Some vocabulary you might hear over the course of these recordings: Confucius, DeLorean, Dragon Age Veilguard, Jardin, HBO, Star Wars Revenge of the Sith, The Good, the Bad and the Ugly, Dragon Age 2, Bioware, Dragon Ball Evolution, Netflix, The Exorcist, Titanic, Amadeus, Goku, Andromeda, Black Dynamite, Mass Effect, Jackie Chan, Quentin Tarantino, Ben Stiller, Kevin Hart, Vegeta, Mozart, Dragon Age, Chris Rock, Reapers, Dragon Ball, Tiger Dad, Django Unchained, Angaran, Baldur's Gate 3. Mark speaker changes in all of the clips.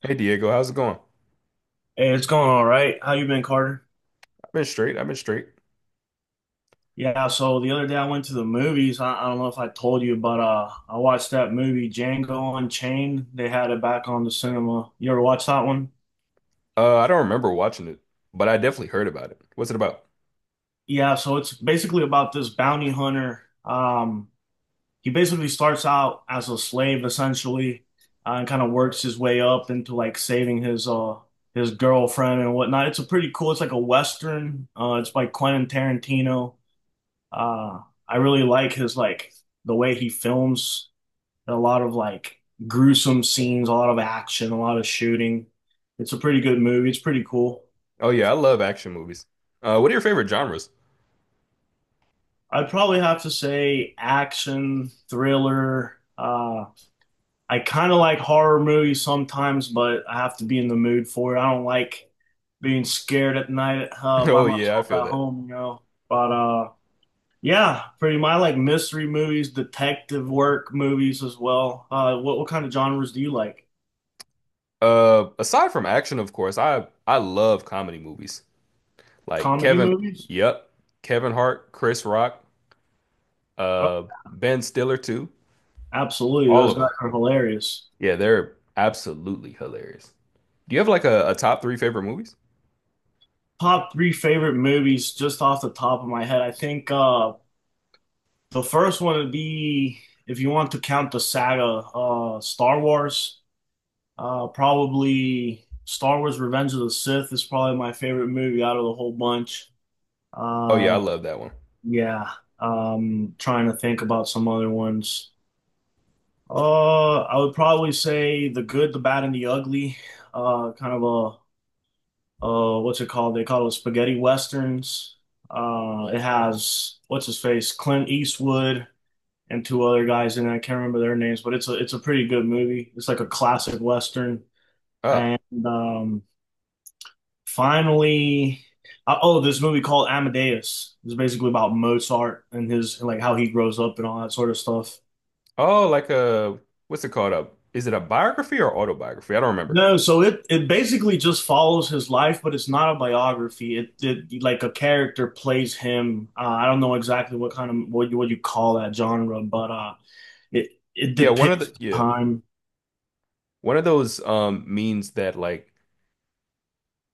Speaker 1: Hey Diego, how's it going?
Speaker 2: Hey, it's going all right. How you been, Carter?
Speaker 1: I've been straight. I've been straight.
Speaker 2: Yeah, so the other day I went to the movies. I don't know if I told you, but I watched that movie Django Unchained. They had it back on the cinema. You ever watch that one?
Speaker 1: I don't remember watching it, but I definitely heard about it. What's it about?
Speaker 2: Yeah, so it's basically about this bounty hunter. He basically starts out as a slave essentially, and kind of works his way up into like saving his girlfriend and whatnot. It's a pretty cool. It's like a Western. It's by Quentin Tarantino. Uh, I really like his like the way he films a lot of like gruesome scenes, a lot of action, a lot of shooting. It's a pretty good movie. It's pretty cool.
Speaker 1: Oh yeah, I love action movies. What are your favorite genres?
Speaker 2: I'd probably have to say action, thriller. I kind of like horror movies sometimes, but I have to be in the mood for it. I don't like being scared at night by
Speaker 1: Oh yeah, I
Speaker 2: myself
Speaker 1: feel
Speaker 2: at
Speaker 1: that.
Speaker 2: home. But Yeah, pretty much. I like mystery movies, detective work movies as well. What kind of genres do you like?
Speaker 1: Aside from action, of course, I love comedy movies. Like
Speaker 2: Comedy
Speaker 1: Kevin,
Speaker 2: movies?
Speaker 1: yep, Kevin Hart, Chris Rock,
Speaker 2: Oh,
Speaker 1: Ben Stiller too.
Speaker 2: absolutely.
Speaker 1: All
Speaker 2: Those
Speaker 1: of
Speaker 2: guys
Speaker 1: them.
Speaker 2: are hilarious.
Speaker 1: Yeah, they're absolutely hilarious. Do you have like a top three favorite movies?
Speaker 2: Top three favorite movies just off the top of my head. I think the first one would be if you want to count the saga, Star Wars. Probably Star Wars Revenge of the Sith is probably my favorite movie out of the whole bunch.
Speaker 1: Oh yeah, I
Speaker 2: Uh
Speaker 1: love that one.
Speaker 2: yeah. Trying to think about some other ones. I would probably say the good, the bad, and the ugly. Kind of a what's it called? They call it spaghetti westerns. It has what's his face, Clint Eastwood, and two other guys in it. I can't remember their names, but it's a pretty good movie. It's like a classic western.
Speaker 1: Oh,
Speaker 2: And um, finally, oh, this movie called Amadeus. It's basically about Mozart and his and like how he grows up and all that sort of stuff.
Speaker 1: oh, like a what's it called? A is it a biography or autobiography? I don't remember.
Speaker 2: No, so it basically just follows his life, but it's not a biography. It like a character plays him. I don't know exactly what kind of what you call that genre, but it
Speaker 1: Yeah, one of
Speaker 2: depicts
Speaker 1: the
Speaker 2: the
Speaker 1: yeah,
Speaker 2: time.
Speaker 1: one of those means that like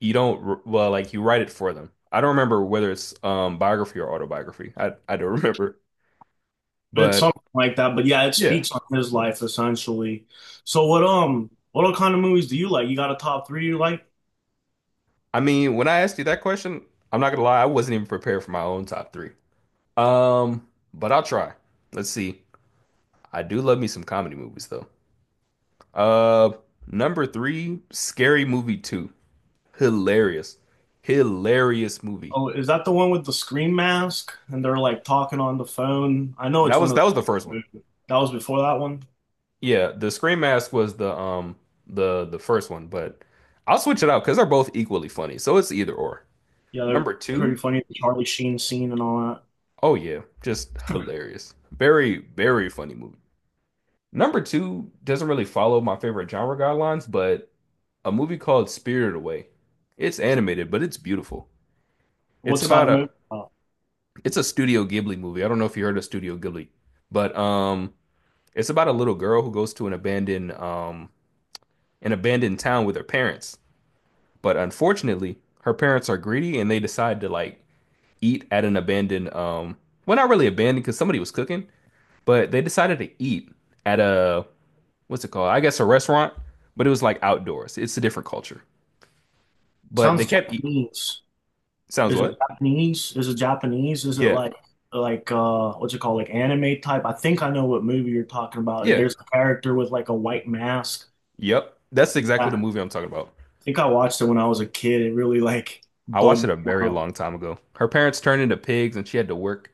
Speaker 1: you don't well, like you write it for them. I don't remember whether it's biography or autobiography. I don't remember.
Speaker 2: It's
Speaker 1: But
Speaker 2: something like that. But yeah, it
Speaker 1: yeah,
Speaker 2: speaks on his life essentially. So what kind of movies do you like? You got a top three you like?
Speaker 1: I mean, when I asked you that question, I'm not gonna lie, I wasn't even prepared for my own top three. Um, but I'll try. Let's see. I do love me some comedy movies though. Uh, number three, Scary Movie 2. Hilarious. Hilarious movie.
Speaker 2: Oh, is that the one with the scream mask and they're like talking on the phone? I know
Speaker 1: That
Speaker 2: it's one
Speaker 1: was
Speaker 2: of
Speaker 1: that was the first one.
Speaker 2: the that was before that one.
Speaker 1: Yeah, the Scream Mask was the the first one, but I'll switch it out because they're both equally funny. So it's either or.
Speaker 2: Yeah, they're
Speaker 1: Number two,
Speaker 2: pretty funny. The Charlie Sheen scene and all that.
Speaker 1: oh yeah, just hilarious. Very, very funny movie. Number two doesn't really follow my favorite genre guidelines, but a movie called Spirited Away. It's animated, but it's beautiful. It's
Speaker 2: What's that
Speaker 1: about
Speaker 2: a
Speaker 1: a
Speaker 2: movie about?
Speaker 1: it's a Studio Ghibli movie. I don't know if you heard of Studio Ghibli, but it's about a little girl who goes to an abandoned town with her parents. But unfortunately, her parents are greedy and they decide to like eat at an abandoned well, not really abandoned because somebody was cooking, but they decided to eat at a what's it called? I guess a restaurant, but it was like outdoors. It's a different culture. But they
Speaker 2: Sounds
Speaker 1: kept eat
Speaker 2: Japanese.
Speaker 1: sounds
Speaker 2: Is it
Speaker 1: what?
Speaker 2: Japanese? Is it Japanese? Is it
Speaker 1: Yeah.
Speaker 2: like what's it called? Like anime type? I think I know what movie you're talking about.
Speaker 1: Yeah.
Speaker 2: There's a character with like a white mask.
Speaker 1: Yep. That's
Speaker 2: Yeah,
Speaker 1: exactly the
Speaker 2: I
Speaker 1: movie I'm talking about.
Speaker 2: think I watched it when I was a kid. It really like
Speaker 1: I
Speaker 2: bugged
Speaker 1: watched it a
Speaker 2: me
Speaker 1: very
Speaker 2: out.
Speaker 1: long time ago. Her parents turned into pigs and she had to work.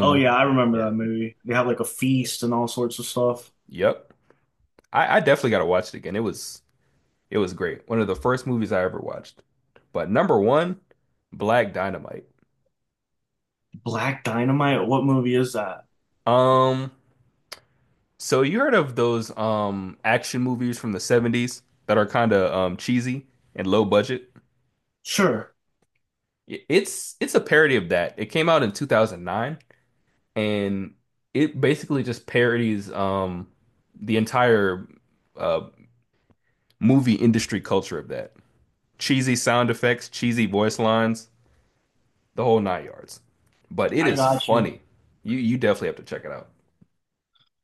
Speaker 2: Oh yeah, I remember
Speaker 1: yeah.
Speaker 2: that movie. They have like a feast and all sorts of stuff.
Speaker 1: Yep. I definitely gotta watch it again. It was great. One of the first movies I ever watched. But number one, Black Dynamite.
Speaker 2: Black Dynamite? What movie is that?
Speaker 1: Um, so you heard of those action movies from the 70s that are kind of cheesy and low budget?
Speaker 2: Sure.
Speaker 1: It's a parody of that. It came out in 2009 and it basically just parodies the entire uh movie industry culture of that. Cheesy sound effects, cheesy voice lines, the whole nine yards. But it
Speaker 2: I
Speaker 1: is
Speaker 2: got you.
Speaker 1: funny. You definitely have to check it out.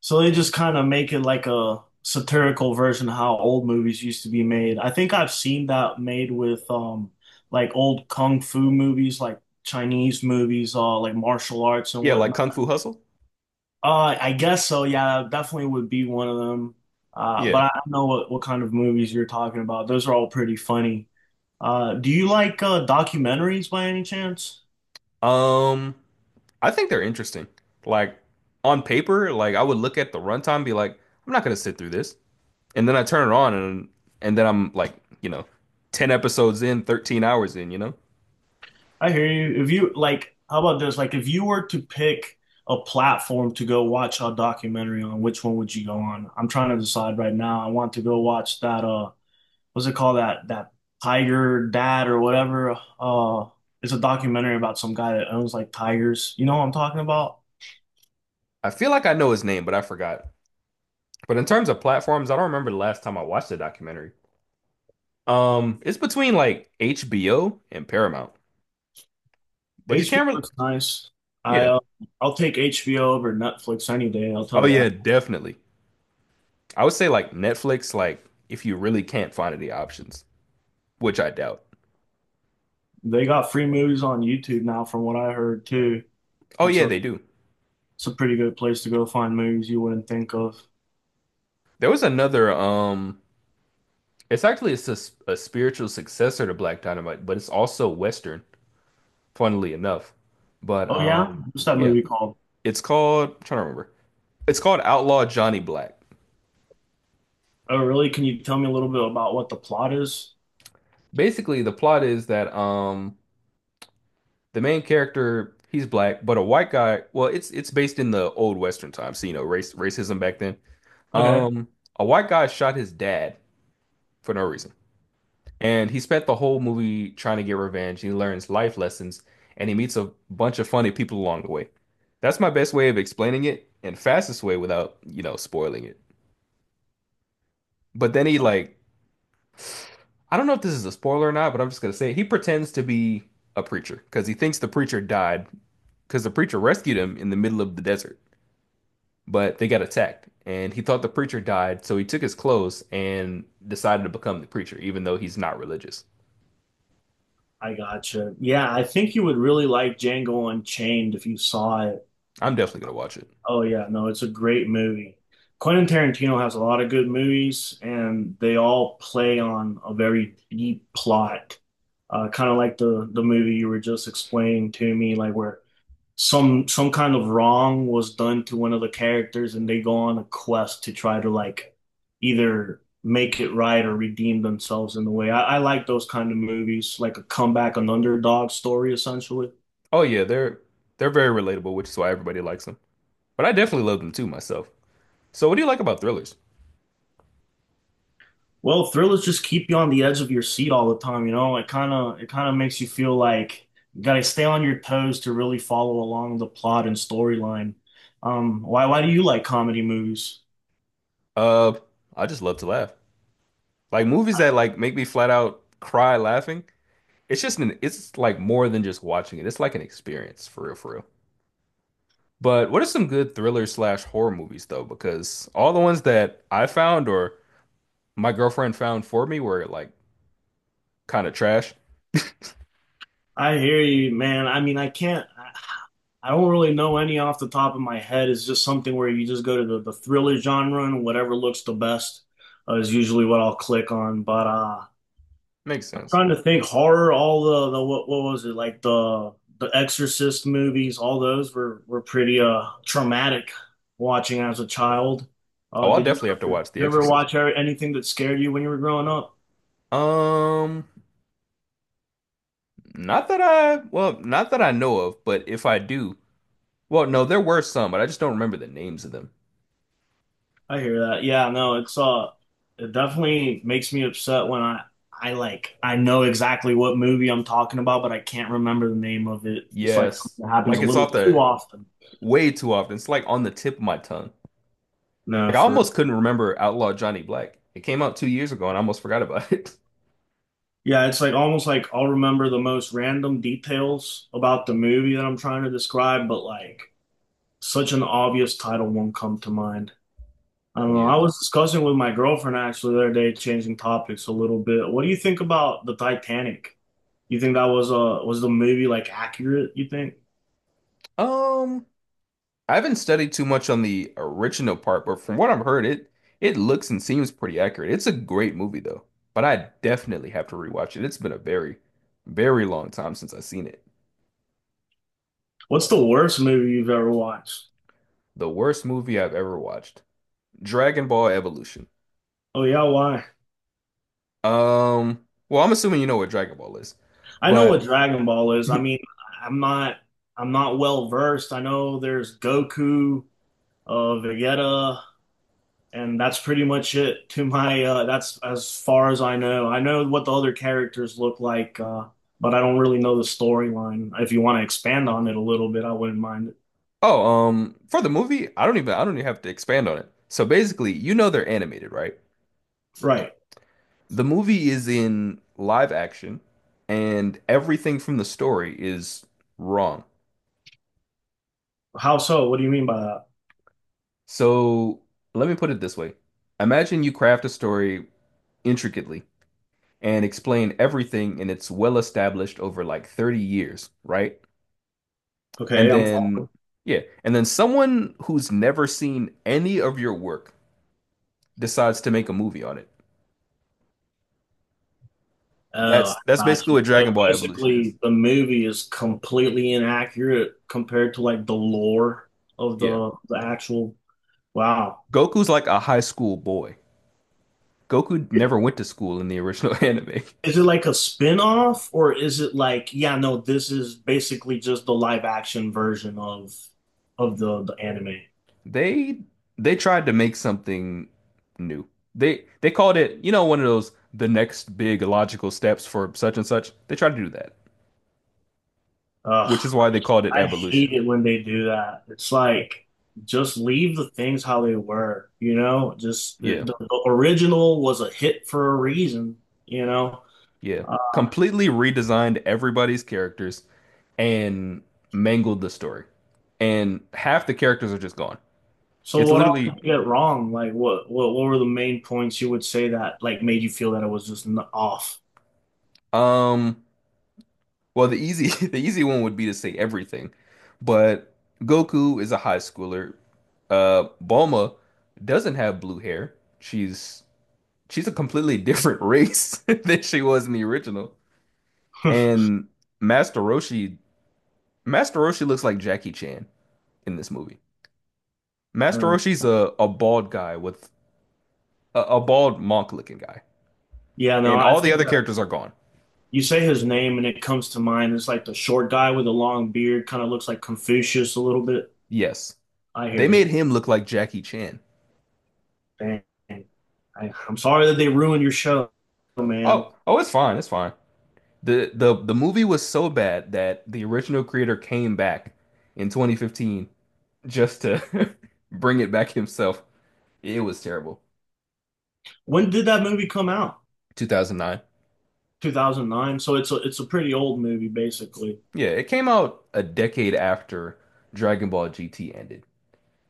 Speaker 2: So they just kind of make it like a satirical version of how old movies used to be made. I think I've seen that made with like old kung fu movies, like Chinese movies, like martial arts and
Speaker 1: Yeah, like
Speaker 2: whatnot.
Speaker 1: Kung Fu Hustle.
Speaker 2: I guess so, yeah, definitely would be one of them.
Speaker 1: Yeah.
Speaker 2: But I know what kind of movies you're talking about. Those are all pretty funny. Do you like documentaries by any chance?
Speaker 1: Um, I think they're interesting. Like on paper, like I would look at the runtime and be like, I'm not gonna sit through this. And then I turn it on, and then I'm like, you know, ten episodes in, 13 hours in. You know,
Speaker 2: I hear you. If you like, how about this? Like, if you were to pick a platform to go watch a documentary on, which one would you go on? I'm trying to decide right now. I want to go watch that what's it called? That Tiger Dad or whatever. It's a documentary about some guy that owns like tigers. You know what I'm talking about?
Speaker 1: I feel like I know his name, but I forgot. But in terms of platforms, I don't remember the last time I watched a documentary. It's between like HBO and Paramount, but you can't.
Speaker 2: HBO looks nice. I
Speaker 1: Yeah.
Speaker 2: uh, I'll take HBO over Netflix any day, I'll
Speaker 1: Oh
Speaker 2: tell you that.
Speaker 1: yeah, definitely. I would say like Netflix, like if you really can't find any options, which I doubt.
Speaker 2: They got free movies on YouTube now from what I heard too.
Speaker 1: Oh
Speaker 2: That's
Speaker 1: yeah, they do.
Speaker 2: it's a pretty good place to go find movies you wouldn't think of.
Speaker 1: There was another it's actually a spiritual successor to Black Dynamite, but it's also Western, funnily enough. But
Speaker 2: Oh yeah?
Speaker 1: um,
Speaker 2: What's that
Speaker 1: yeah,
Speaker 2: movie called?
Speaker 1: it's called I'm trying to remember. It's called Outlaw Johnny Black.
Speaker 2: Oh really? Can you tell me a little bit about what the plot is?
Speaker 1: Basically, the plot is that the main character, he's black, but a white guy, well, it's based in the old Western times, so you know, race racism back then.
Speaker 2: Okay,
Speaker 1: Um, a white guy shot his dad for no reason. And he spent the whole movie trying to get revenge. He learns life lessons and he meets a bunch of funny people along the way. That's my best way of explaining it and fastest way without, you know, spoiling it. But then he like, I don't know if this is a spoiler or not, but I'm just gonna say it. He pretends to be a preacher because he thinks the preacher died because the preacher rescued him in the middle of the desert, but they got attacked. And he thought the preacher died, so he took his clothes and decided to become the preacher, even though he's not religious.
Speaker 2: I gotcha. Yeah, I think you would really like Django Unchained if you saw it.
Speaker 1: I'm definitely gonna watch it.
Speaker 2: Oh yeah, no, it's a great movie. Quentin Tarantino has a lot of good movies, and they all play on a very deep plot. Kind of like the movie you were just explaining to me, like where some kind of wrong was done to one of the characters and they go on a quest to try to like either make it right or redeem themselves in a way. I like those kind of movies, like a comeback, an underdog story essentially.
Speaker 1: Oh yeah, they're very relatable, which is why everybody likes them. But I definitely love them too myself. So what do you like about thrillers?
Speaker 2: Well, thrillers just keep you on the edge of your seat all the time, you know? It kind of makes you feel like you gotta stay on your toes to really follow along the plot and storyline. Why do you like comedy movies?
Speaker 1: Uh, I just love to laugh. Like movies that like make me flat out cry laughing. It's like more than just watching it. It's like an experience for real, for real. But what are some good thriller slash horror movies though? Because all the ones that I found or my girlfriend found for me were like kind of trash.
Speaker 2: I hear you, man. I mean, I can't. I don't really know any off the top of my head. It's just something where you just go to the thriller genre and whatever looks the best is usually what I'll click on. But
Speaker 1: Makes
Speaker 2: I'm
Speaker 1: sense.
Speaker 2: trying to think horror, all the what was it like the Exorcist movies, all those were pretty traumatic watching as a child.
Speaker 1: Oh,
Speaker 2: Uh,
Speaker 1: I'll
Speaker 2: did you
Speaker 1: definitely have to watch The
Speaker 2: you ever
Speaker 1: Exorcist.
Speaker 2: watch anything that scared you when you were growing up?
Speaker 1: Um, Not that I, well, not that I know of, but if I do, well, no, there were some, but I just don't remember the names of them.
Speaker 2: I hear that. Yeah, no, it's it definitely makes me upset when I like I know exactly what movie I'm talking about, but I can't remember the name of it. It's like
Speaker 1: Yes.
Speaker 2: something that happens
Speaker 1: Like
Speaker 2: a
Speaker 1: it's
Speaker 2: little
Speaker 1: off
Speaker 2: too
Speaker 1: the
Speaker 2: often.
Speaker 1: way too often. It's like on the tip of my tongue.
Speaker 2: No,
Speaker 1: Like I
Speaker 2: for
Speaker 1: almost couldn't remember Outlaw Johnny Black. It came out 2 years ago and I almost forgot about it.
Speaker 2: yeah, it's like almost like I'll remember the most random details about the movie that I'm trying to describe, but like such an obvious title won't come to mind. I don't know.
Speaker 1: Yeah.
Speaker 2: I was discussing with my girlfriend actually the other day, changing topics a little bit. What do you think about the Titanic? You think that was the movie like accurate, you think?
Speaker 1: Um, I haven't studied too much on the original part, but from what I've heard, it looks and seems pretty accurate. It's a great movie though, but I definitely have to rewatch it. It's been a very, very long time since I've seen it.
Speaker 2: What's the worst movie you've ever watched?
Speaker 1: The worst movie I've ever watched. Dragon Ball Evolution.
Speaker 2: Oh yeah, why?
Speaker 1: Well, I'm assuming you know what Dragon Ball is,
Speaker 2: I know what
Speaker 1: but
Speaker 2: Dragon Ball is. I mean, I'm not I'm not well versed. I know there's Goku, uh Vegeta, and that's pretty much it to my that's as far as I know. I know what the other characters look like, but I don't really know the storyline. If you want to expand on it a little bit, I wouldn't mind it.
Speaker 1: oh, for the movie, I don't even have to expand on it. So basically, you know they're animated, right?
Speaker 2: Right.
Speaker 1: The movie is in live action, and everything from the story is wrong.
Speaker 2: How so? What do you mean by that?
Speaker 1: So let me put it this way: imagine you craft a story intricately and explain everything, and it's well established over like 30 years, right? And
Speaker 2: Okay, I'm
Speaker 1: then,
Speaker 2: following.
Speaker 1: yeah, and then someone who's never seen any of your work decides to make a movie on it.
Speaker 2: Oh, I
Speaker 1: That's
Speaker 2: got
Speaker 1: basically
Speaker 2: you.
Speaker 1: what
Speaker 2: So
Speaker 1: Dragon Ball Evolution is.
Speaker 2: basically, the movie is completely inaccurate compared to like the lore of
Speaker 1: Yeah.
Speaker 2: the actual. Wow.
Speaker 1: Goku's like a high school boy. Goku never went to school in the original anime.
Speaker 2: Is it like a spin-off or is it like, yeah, no, this is basically just the live action version of the anime.
Speaker 1: They they tried to make something new. They called it, you know, one of those the next big logical steps for such and such. They tried to do that,
Speaker 2: Ugh,
Speaker 1: which is why they called it
Speaker 2: I hate
Speaker 1: evolution.
Speaker 2: it when they do that. It's like just leave the things how they were, you know? Just the,
Speaker 1: Yeah.
Speaker 2: the, the original was a hit for a reason, you know?
Speaker 1: Yeah. Completely redesigned everybody's characters and mangled the story. And half the characters are just gone.
Speaker 2: So
Speaker 1: It's
Speaker 2: what all did
Speaker 1: literally
Speaker 2: you get wrong? Like what what were the main points you would say that like made you feel that it was just n off?
Speaker 1: um well, the easy the easy one would be to say everything. But Goku is a high schooler. Uh, Bulma doesn't have blue hair. She's she's a completely different race than she was in the original. And Master Roshi Master Roshi looks like Jackie Chan in this movie. Master
Speaker 2: Uh,
Speaker 1: Roshi's a bald guy with a bald monk looking guy.
Speaker 2: yeah, no,
Speaker 1: And
Speaker 2: I
Speaker 1: all the
Speaker 2: think
Speaker 1: other characters are gone.
Speaker 2: you say his name and it comes to mind. It's like the short guy with the long beard, kind of looks like Confucius a little bit.
Speaker 1: Yes.
Speaker 2: I
Speaker 1: They
Speaker 2: hear you.
Speaker 1: made him look like Jackie Chan.
Speaker 2: Dang. I'm sorry that they ruined your show, man.
Speaker 1: Oh, oh, it's fine, it's fine. The movie was so bad that the original creator came back in 2015 just to bring it back himself. It was terrible.
Speaker 2: When did that movie come out?
Speaker 1: 2009.
Speaker 2: 2009. So it's a pretty old movie, basically.
Speaker 1: Yeah, it came out a decade after Dragon Ball GT ended.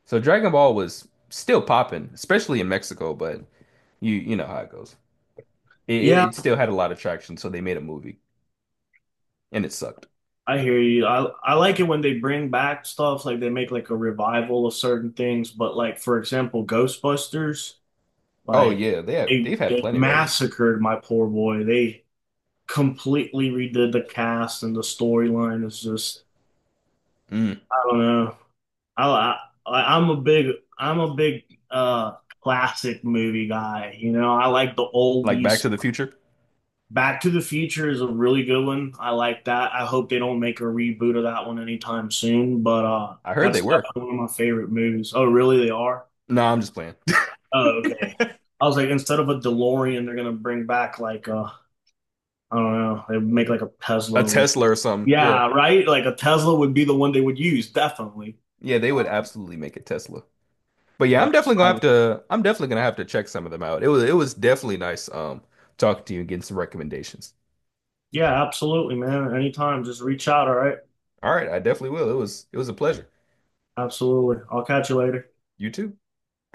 Speaker 1: So Dragon Ball was still popping, especially in Mexico, but you know how it goes. It, it
Speaker 2: Yeah,
Speaker 1: it still had a lot of traction, so they made a movie, and it sucked.
Speaker 2: I hear you. I like it when they bring back stuff, like they make like a revival of certain things, but like for example, Ghostbusters,
Speaker 1: Oh
Speaker 2: like
Speaker 1: yeah, they have,
Speaker 2: they,
Speaker 1: they've had
Speaker 2: they
Speaker 1: plenty, right?
Speaker 2: massacred my poor boy. They completely redid the cast and the storyline is just
Speaker 1: Mm.
Speaker 2: I don't know. I, I like, I'm a big uh classic movie guy. You know, I like the
Speaker 1: Like Back
Speaker 2: oldies
Speaker 1: to the Future.
Speaker 2: Back to the Future is a really good one. I like that. I hope they don't make a reboot of that one anytime soon, but
Speaker 1: I heard
Speaker 2: that's
Speaker 1: they were.
Speaker 2: definitely one of my favorite movies. Oh, really? They are?
Speaker 1: No, I'm just playing.
Speaker 2: Oh, okay. I was like, instead of a DeLorean, they're gonna bring back like I don't know, they make like a
Speaker 1: A
Speaker 2: Tesla with
Speaker 1: Tesla or something. Yeah,
Speaker 2: yeah, right? Like a Tesla would be the one they would use, definitely.
Speaker 1: yeah, they would
Speaker 2: Um,
Speaker 1: absolutely make a Tesla. But yeah, I'm
Speaker 2: but
Speaker 1: definitely gonna
Speaker 2: I
Speaker 1: have
Speaker 2: would-
Speaker 1: to. I'm definitely gonna have to check some of them out. It was definitely nice talking to you and getting some recommendations.
Speaker 2: yeah, absolutely, man. Anytime, just reach out, all right?
Speaker 1: All right, I definitely will. It was a pleasure.
Speaker 2: Absolutely. I'll catch you later.
Speaker 1: You too.